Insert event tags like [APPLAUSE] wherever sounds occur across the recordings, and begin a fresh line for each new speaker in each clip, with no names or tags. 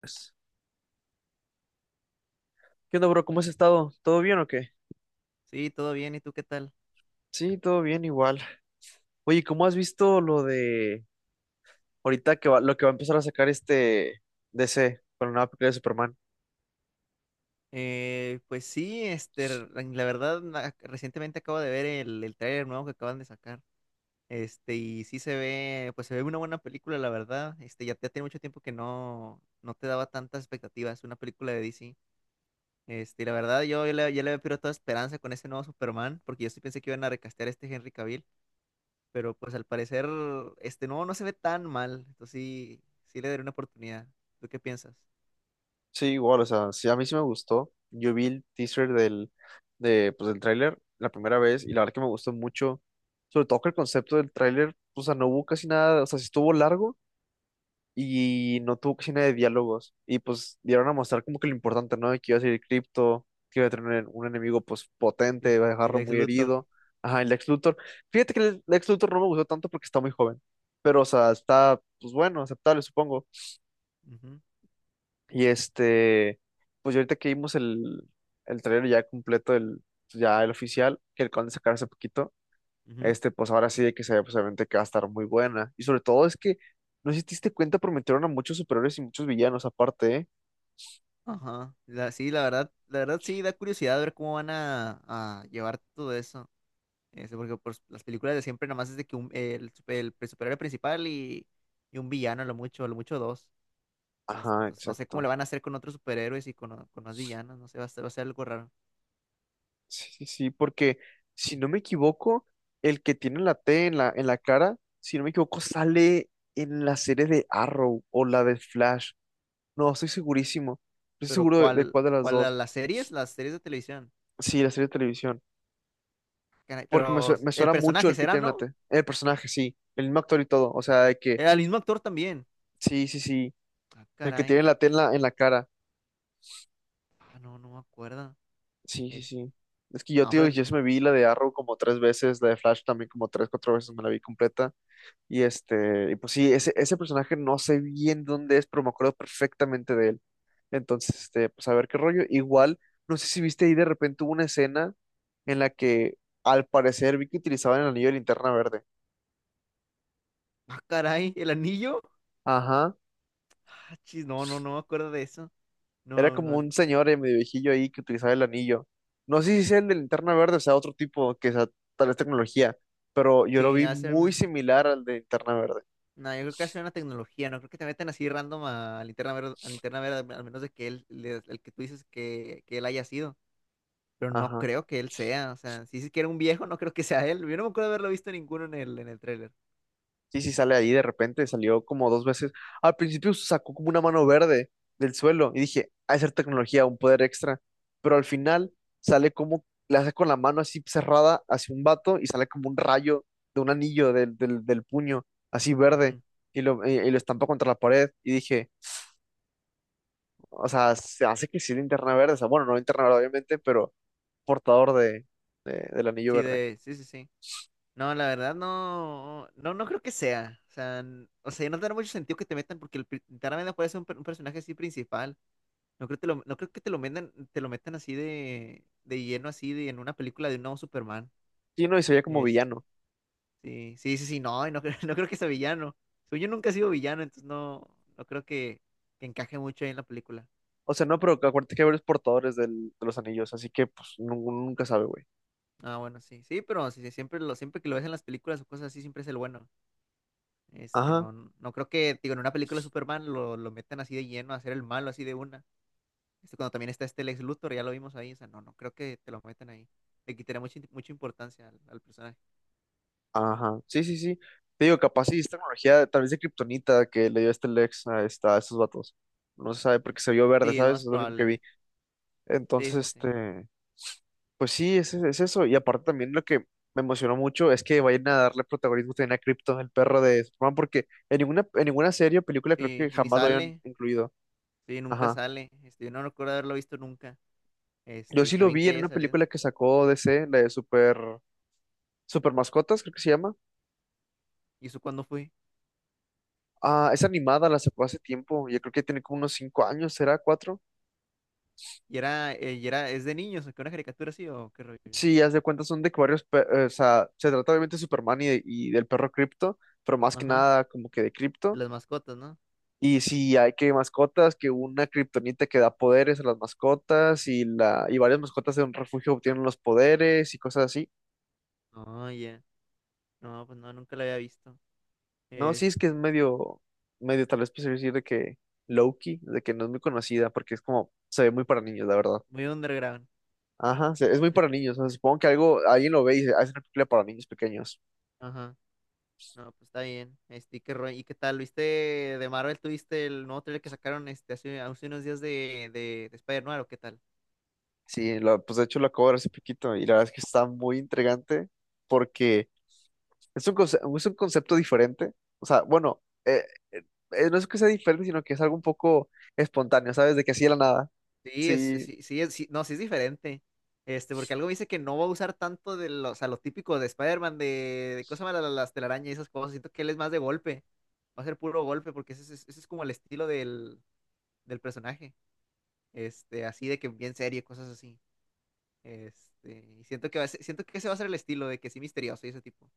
Pues, ¿qué onda, bro? ¿Cómo has estado? ¿Todo bien o qué?
Sí, todo bien, ¿y tú qué tal?
Sí, todo bien igual. Oye, ¿cómo has visto lo de ahorita que va, lo que va a empezar a sacar DC con la nueva película de Superman?
Pues sí, la verdad, recientemente acabo de ver el tráiler nuevo que acaban de sacar. Y sí se ve, pues se ve una buena película, la verdad. Ya tiene mucho tiempo que no te daba tantas expectativas una película de DC. Y la verdad, ya le había perdido toda esperanza con ese nuevo Superman, porque yo sí pensé que iban a recastear a este Henry Cavill, pero pues al parecer, este nuevo no se ve tan mal. Entonces sí, sí le daré una oportunidad. ¿Tú qué piensas?
Sí, igual, o sea, sí, a mí sí me gustó. Yo vi el teaser del tráiler la primera vez y la verdad que me gustó mucho. Sobre todo que el concepto del tráiler, o sea, no hubo casi nada, o sea, sí estuvo largo, y no tuvo casi nada de diálogos. Y pues dieron a mostrar como que lo importante, ¿no? De que iba a ser cripto, que iba a tener un enemigo pues potente,
Sí,
iba a
el
dejarlo
ex
muy
Luthor.
herido. Ajá, el Lex Luthor. Fíjate que el Lex Luthor no me gustó tanto porque está muy joven. Pero, o sea, está, pues bueno, aceptable, supongo.
Ujú,
Y este, pues ya ahorita que vimos el trailer ya completo, el, pues, ya el oficial, que acaban de sacar hace poquito
ujú.
este, pues ahora sí de que se pues obviamente que va a estar muy buena. Y sobre todo es que, no sé si te diste cuenta, prometieron a muchos superhéroes y muchos villanos aparte, ¿eh?
Ajá. Sí, la verdad sí da curiosidad ver cómo a llevar todo eso. Porque pues, las películas de siempre nada más es de que un, el, super- el pre- superhéroe principal y un villano, a lo mucho dos.
Ajá,
Entonces no sé cómo
exacto.
le van a hacer con otros superhéroes y con más villanos, no sé, va a ser algo raro.
Sí, sí, sí, porque si no me equivoco, el que tiene la T en la cara, si no me equivoco, sale en la serie de Arrow o la de Flash. No, estoy segurísimo. No estoy
Pero
seguro de cuál de las
¿cuál
dos.
las series? Las series de televisión.
Sí, la serie de televisión.
Caray,
Porque me,
pero
me
el
suena mucho
personaje
el que
será,
tiene la
¿no?
T. El personaje, sí. El mismo actor y todo. O sea, de que,
Era el mismo actor también.
sí, sí, sí.
Ah,
El que
caray.
tiene la T en la cara.
Ah, no, no me acuerdo.
Sí, sí,
Este,
sí. Es que yo,
no,
tío,
pues,
yo sí me vi la de Arrow como tres veces, la de Flash también como tres, cuatro veces me la vi completa. Y este, y pues sí, ese personaje no sé bien dónde es, pero me acuerdo perfectamente de él. Entonces, este, pues a ver qué rollo. Igual, no sé si viste ahí de repente hubo una escena en la que al parecer vi que utilizaban el anillo de linterna verde.
Ah, caray, el anillo.
Ajá.
Ah, chis, no, no, no me acuerdo de eso.
Era
No,
como
no.
un señor medio viejillo ahí que utilizaba el anillo. No sé si sea el de linterna verde, o sea, otro tipo que sea tal vez tecnología, pero yo lo
Sí,
vi muy
hacen.
similar al de linterna verde.
No, yo creo que hacen una tecnología. No creo que te metan así random a Linterna Verde, al menos de que el que tú dices que él haya sido. Pero no
Ajá.
creo que él sea. O sea, si dices que era un viejo, no creo que sea él. Yo no me acuerdo de haberlo visto ninguno en en el tráiler.
Sí, sí, sale ahí de repente, salió como dos veces. Al principio sacó como una mano verde del suelo y dije, ha de ser tecnología, un poder extra. Pero al final sale como, le hace con la mano así cerrada hacia un vato y sale como un rayo de un anillo del puño, así verde,
Ujú.
y lo, y lo estampa contra la pared. Y dije, o sea, se hace que sí linterna verde, o sea, bueno, no linterna verde obviamente, pero portador de, del anillo
Sí,
verde.
de. Sí, sí, sí. No, la verdad no, no, no creo que sea. O sea, o sea, no tiene mucho sentido que te metan porque Linterna Verde puede ser un personaje así principal. No creo que te lo metan, de lleno, así de, en una película de un nuevo Superman.
Sí, no, y se veía como
Este,
villano.
sí, sí, sí, sí, no, [LAUGHS] no creo que sea villano. Según yo nunca he sido villano, entonces no, no creo que encaje mucho ahí en la película.
O sea, no, pero acuérdate que hay varios portadores de los anillos, así que pues uno nunca sabe, güey.
Ah, bueno, sí, sí, pero sí, sí, siempre que lo ves en las películas o cosas así, siempre es el bueno.
Ajá,
No, no creo que, digo, en una película de Superman lo metan así de lleno a ser el malo así de una. Cuando también está este Lex Luthor, ya lo vimos ahí, o sea, no, no creo que te lo metan ahí. Le quitaría mucha, mucha importancia al personaje.
ajá. Sí, sí, sí. Te digo, capaz sí es tecnología, tal vez de kriptonita que le dio este Lex a, esta, a estos vatos. No se sabe porque se vio verde,
Sí, es lo
¿sabes?
más
Es lo único que
probable.
vi. Entonces,
Sí, sí, sí.
este. Pues sí, es eso. Y aparte también lo que me emocionó mucho es que vayan a darle protagonismo también a Krypton, el perro de Superman, porque en ninguna serie o película creo que
Sí, ni
jamás lo hayan
sale.
incluido.
Sí, nunca
Ajá.
sale. Yo no recuerdo haberlo visto nunca.
Yo
Y
sí
está
lo
bien
vi
que
en
haya
una
salido.
película que sacó DC, la de Super, Super Mascotas, creo que se llama.
¿Y eso cuándo fue?
Ah, es animada, la sacó hace tiempo. Yo creo que tiene como unos 5 años, ¿será? ¿Cuatro?
¿Y era, es de niños, o qué, una caricatura así o qué rollo?
Sí, haz de cuenta son de que varios, o sea, se trata obviamente de Superman y, y del perro Krypto, pero más que
Ajá,
nada como que de
de
Krypto.
las mascotas, ¿no?
Y si hay que mascotas, que una kriptonita que da poderes a las mascotas y la y varias mascotas de un refugio obtienen los poderes y cosas así.
Oh, ya. No, pues no, nunca la había visto.
No, sí es que es
Este,
medio tal vez pues decir de que Loki, de que no es muy conocida porque es como se ve muy para niños, la verdad.
Muy underground.
Ajá, es muy para niños, o sea, supongo que algo alguien lo ve y dice: "Ah, es una película para niños pequeños".
Ajá. No, pues está bien. ¿Y qué rollo? ¿Y qué tal? ¿Viste de Marvel? ¿Tuviste el nuevo trailer que sacaron hace, hace unos días de, de Spider-Man o qué tal?
Sí, pues de hecho lo acabo de ver hace poquito y la verdad es que está muy intrigante porque es un es un concepto diferente. O sea, bueno, no es que sea diferente, sino que es algo un poco espontáneo, ¿sabes? De que así de la nada.
Sí,
Sí,
sí, sí, sí, no, sí es diferente. Porque algo dice que no va a usar tanto de lo, o sea, lo típico de Spider-Man, de cosas malas, las telarañas y esas cosas. Siento que él es más de golpe. Va a ser puro golpe, porque ese es como el estilo del, del personaje. Así de que bien serio, cosas así. Y siento que siento que ese va a ser el estilo, de que sí misterioso y ese tipo.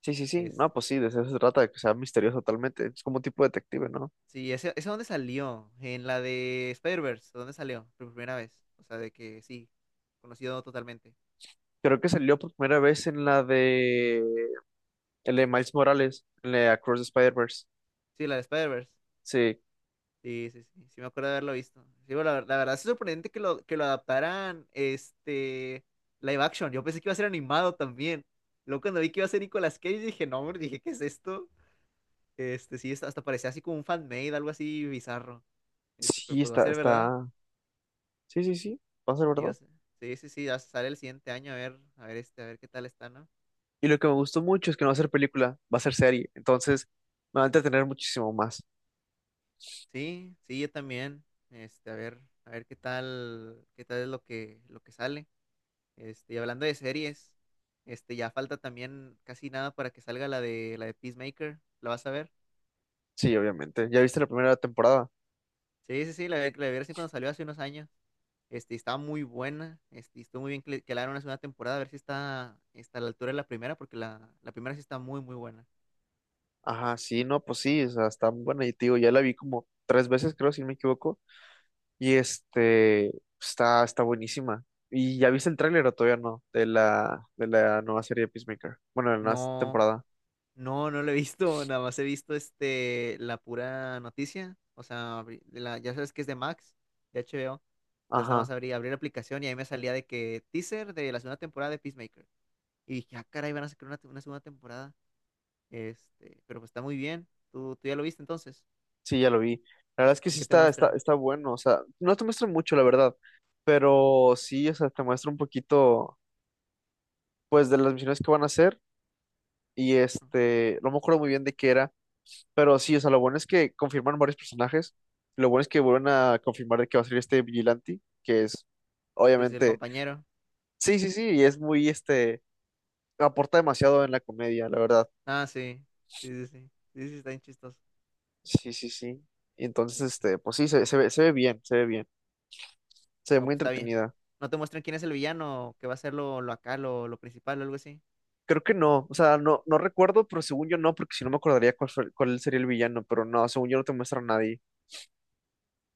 sí, sí, sí. No,
Este,
pues sí, de eso se trata, de que sea misterioso totalmente. Es como un tipo de detective, ¿no?
Ese dónde salió, en la de Spider-Verse, ¿dónde salió? Por primera vez. O sea, de que sí, conocido totalmente.
Creo que salió por primera vez en la de, el de Miles Morales, en la de Across the Spider-Verse.
Sí, la de Spider-Verse.
Sí,
Sí, sí, sí, sí me acuerdo de haberlo visto. Sí, bueno, la verdad es sorprendente que lo adaptaran live action. Yo pensé que iba a ser animado también. Luego cuando vi que iba a ser Nicolas Cage dije, no, hombre, dije, ¿qué es esto? Sí, hasta hasta parecía así como un fan-made, algo así bizarro. Pero
sí,
pues va a
está,
ser, ¿verdad?
está. Sí, sí, sí, va a ser
Sí,
verdad.
yo sé. Sí, sí, sí, ya sale el siguiente año, a ver, a ver qué tal está, ¿no?
Y lo que me gustó mucho es que no va a ser película, va a ser serie. Entonces, me va a entretener muchísimo más.
Sí, sí, yo también. A ver, a ver qué tal es lo que sale. Y hablando de series, ya falta también casi nada para que salga la de Peacemaker. ¿La vas a ver?
Sí, obviamente. ¿Ya viste la primera temporada?
Sí, sí, sí, la vi recién cuando salió hace unos años. Y estaba muy buena. Y estuvo muy bien que, que le hagan una segunda temporada, a ver si está, está a la altura de la primera, porque la primera sí está muy, muy buena.
Ajá, sí, no, pues sí, o sea, está muy buena y te digo, ya la vi como tres veces, creo, si no me equivoco, y este, está, está buenísima. ¿Y ya viste el tráiler o todavía no? De la nueva serie de Peacemaker. Bueno, de la nueva
No,
temporada.
no, no la he visto, [LAUGHS] nada más he visto la pura noticia. O sea, ya sabes que es de Max, de HBO. Entonces nada más
Ajá,
abrí, abrí la aplicación y ahí me salía de que teaser de la segunda temporada de Peacemaker. Y dije, ah, caray, van a sacar una segunda temporada. Pero pues está muy bien. ¿Tú, tú ya lo viste entonces?
sí, ya lo vi. La verdad es que
¿Y
sí
qué te
está, está,
muestran?
está bueno, o sea, no te muestra mucho, la verdad, pero sí, o sea, te muestra un poquito, pues, de las misiones que van a hacer, y
¿No?
este, no me acuerdo muy bien de qué era, pero sí, o sea, lo bueno es que confirman varios personajes. Lo bueno es que vuelven a confirmar de que va a salir este Vigilante, que es,
Dice el
obviamente,
compañero.
sí, sí, sí, y es muy, este, aporta demasiado en la comedia, la verdad.
Ah, sí. Sí, sí, sí. Sí, sí, está bien chistoso.
Sí, sí, sí. Y entonces,
Es-
este, pues sí, se, se ve bien, se ve bien, se ve
No,
muy
pues está bien.
entretenida.
No te muestran quién es el villano, que va a ser lo principal o algo así.
Creo que no, o sea, no, no recuerdo, pero según yo no, porque si no me acordaría cuál, cuál sería el villano, pero no, según yo no te muestra a nadie.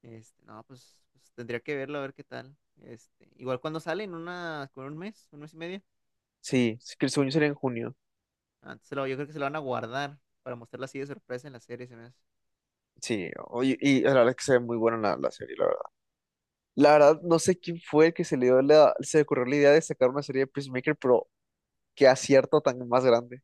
No, pues, pues tendría que verlo a ver qué tal. Igual cuando sale en una, con un mes y medio.
Sí, sí, que según yo sería en junio.
Yo creo que se lo van a guardar para mostrarlo así de sorpresa en la serie, se me hace.
Sí, oye, y la verdad es que se ve muy buena la serie, la verdad. La verdad, no sé quién fue el que se le dio la, se le ocurrió la idea de sacar una serie de Peacemaker, pero qué acierto tan más grande.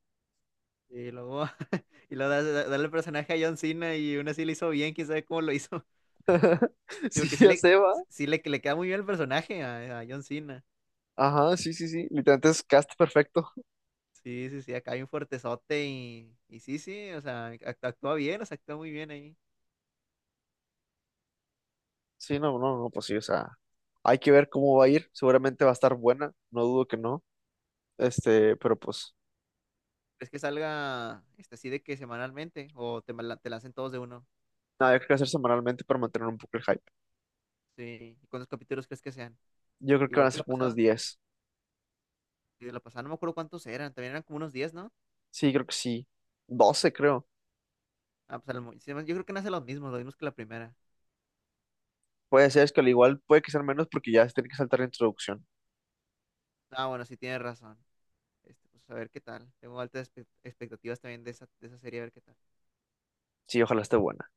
Y luego, [LAUGHS] y luego darle el personaje a John Cena y aún así lo hizo bien, quién sabe cómo lo hizo. [LAUGHS]
[LAUGHS]
Sí,
Sí,
porque
ya se va.
sí le queda muy bien el personaje a John Cena.
Ajá, sí, sí, sí. Literalmente es cast perfecto.
Sí, sí, sí, acá hay un fuertezote y sí, sí, o sea, actúa bien, o sea, actúa muy bien ahí.
Sí, no, no, no, pues sí, o sea, hay que ver cómo va a ir. Seguramente va a estar buena, no dudo que no.
Sí.
Este, pero pues,
¿Crees que salga así de que semanalmente o te lancen todos de uno?
nada, yo creo que va a ser semanalmente para mantener un poco el hype.
Sí. ¿Y cuántos capítulos crees que sean?
Yo creo que van
Igual
a
que
ser
la
como unos
pasada.
10.
Sí, de la pasada no me acuerdo cuántos eran, también eran como unos 10, ¿no?
Sí, creo que sí. 12 creo.
Ah, pues sí, yo creo que no hacen lo mismos que la primera.
Puede ser, es que al igual puede que sean menos porque ya se tiene que saltar la introducción.
Ah, bueno, sí tienes razón. Pues a ver qué tal. Tengo altas expectativas también de esa serie, a ver qué tal.
Sí, ojalá esté buena.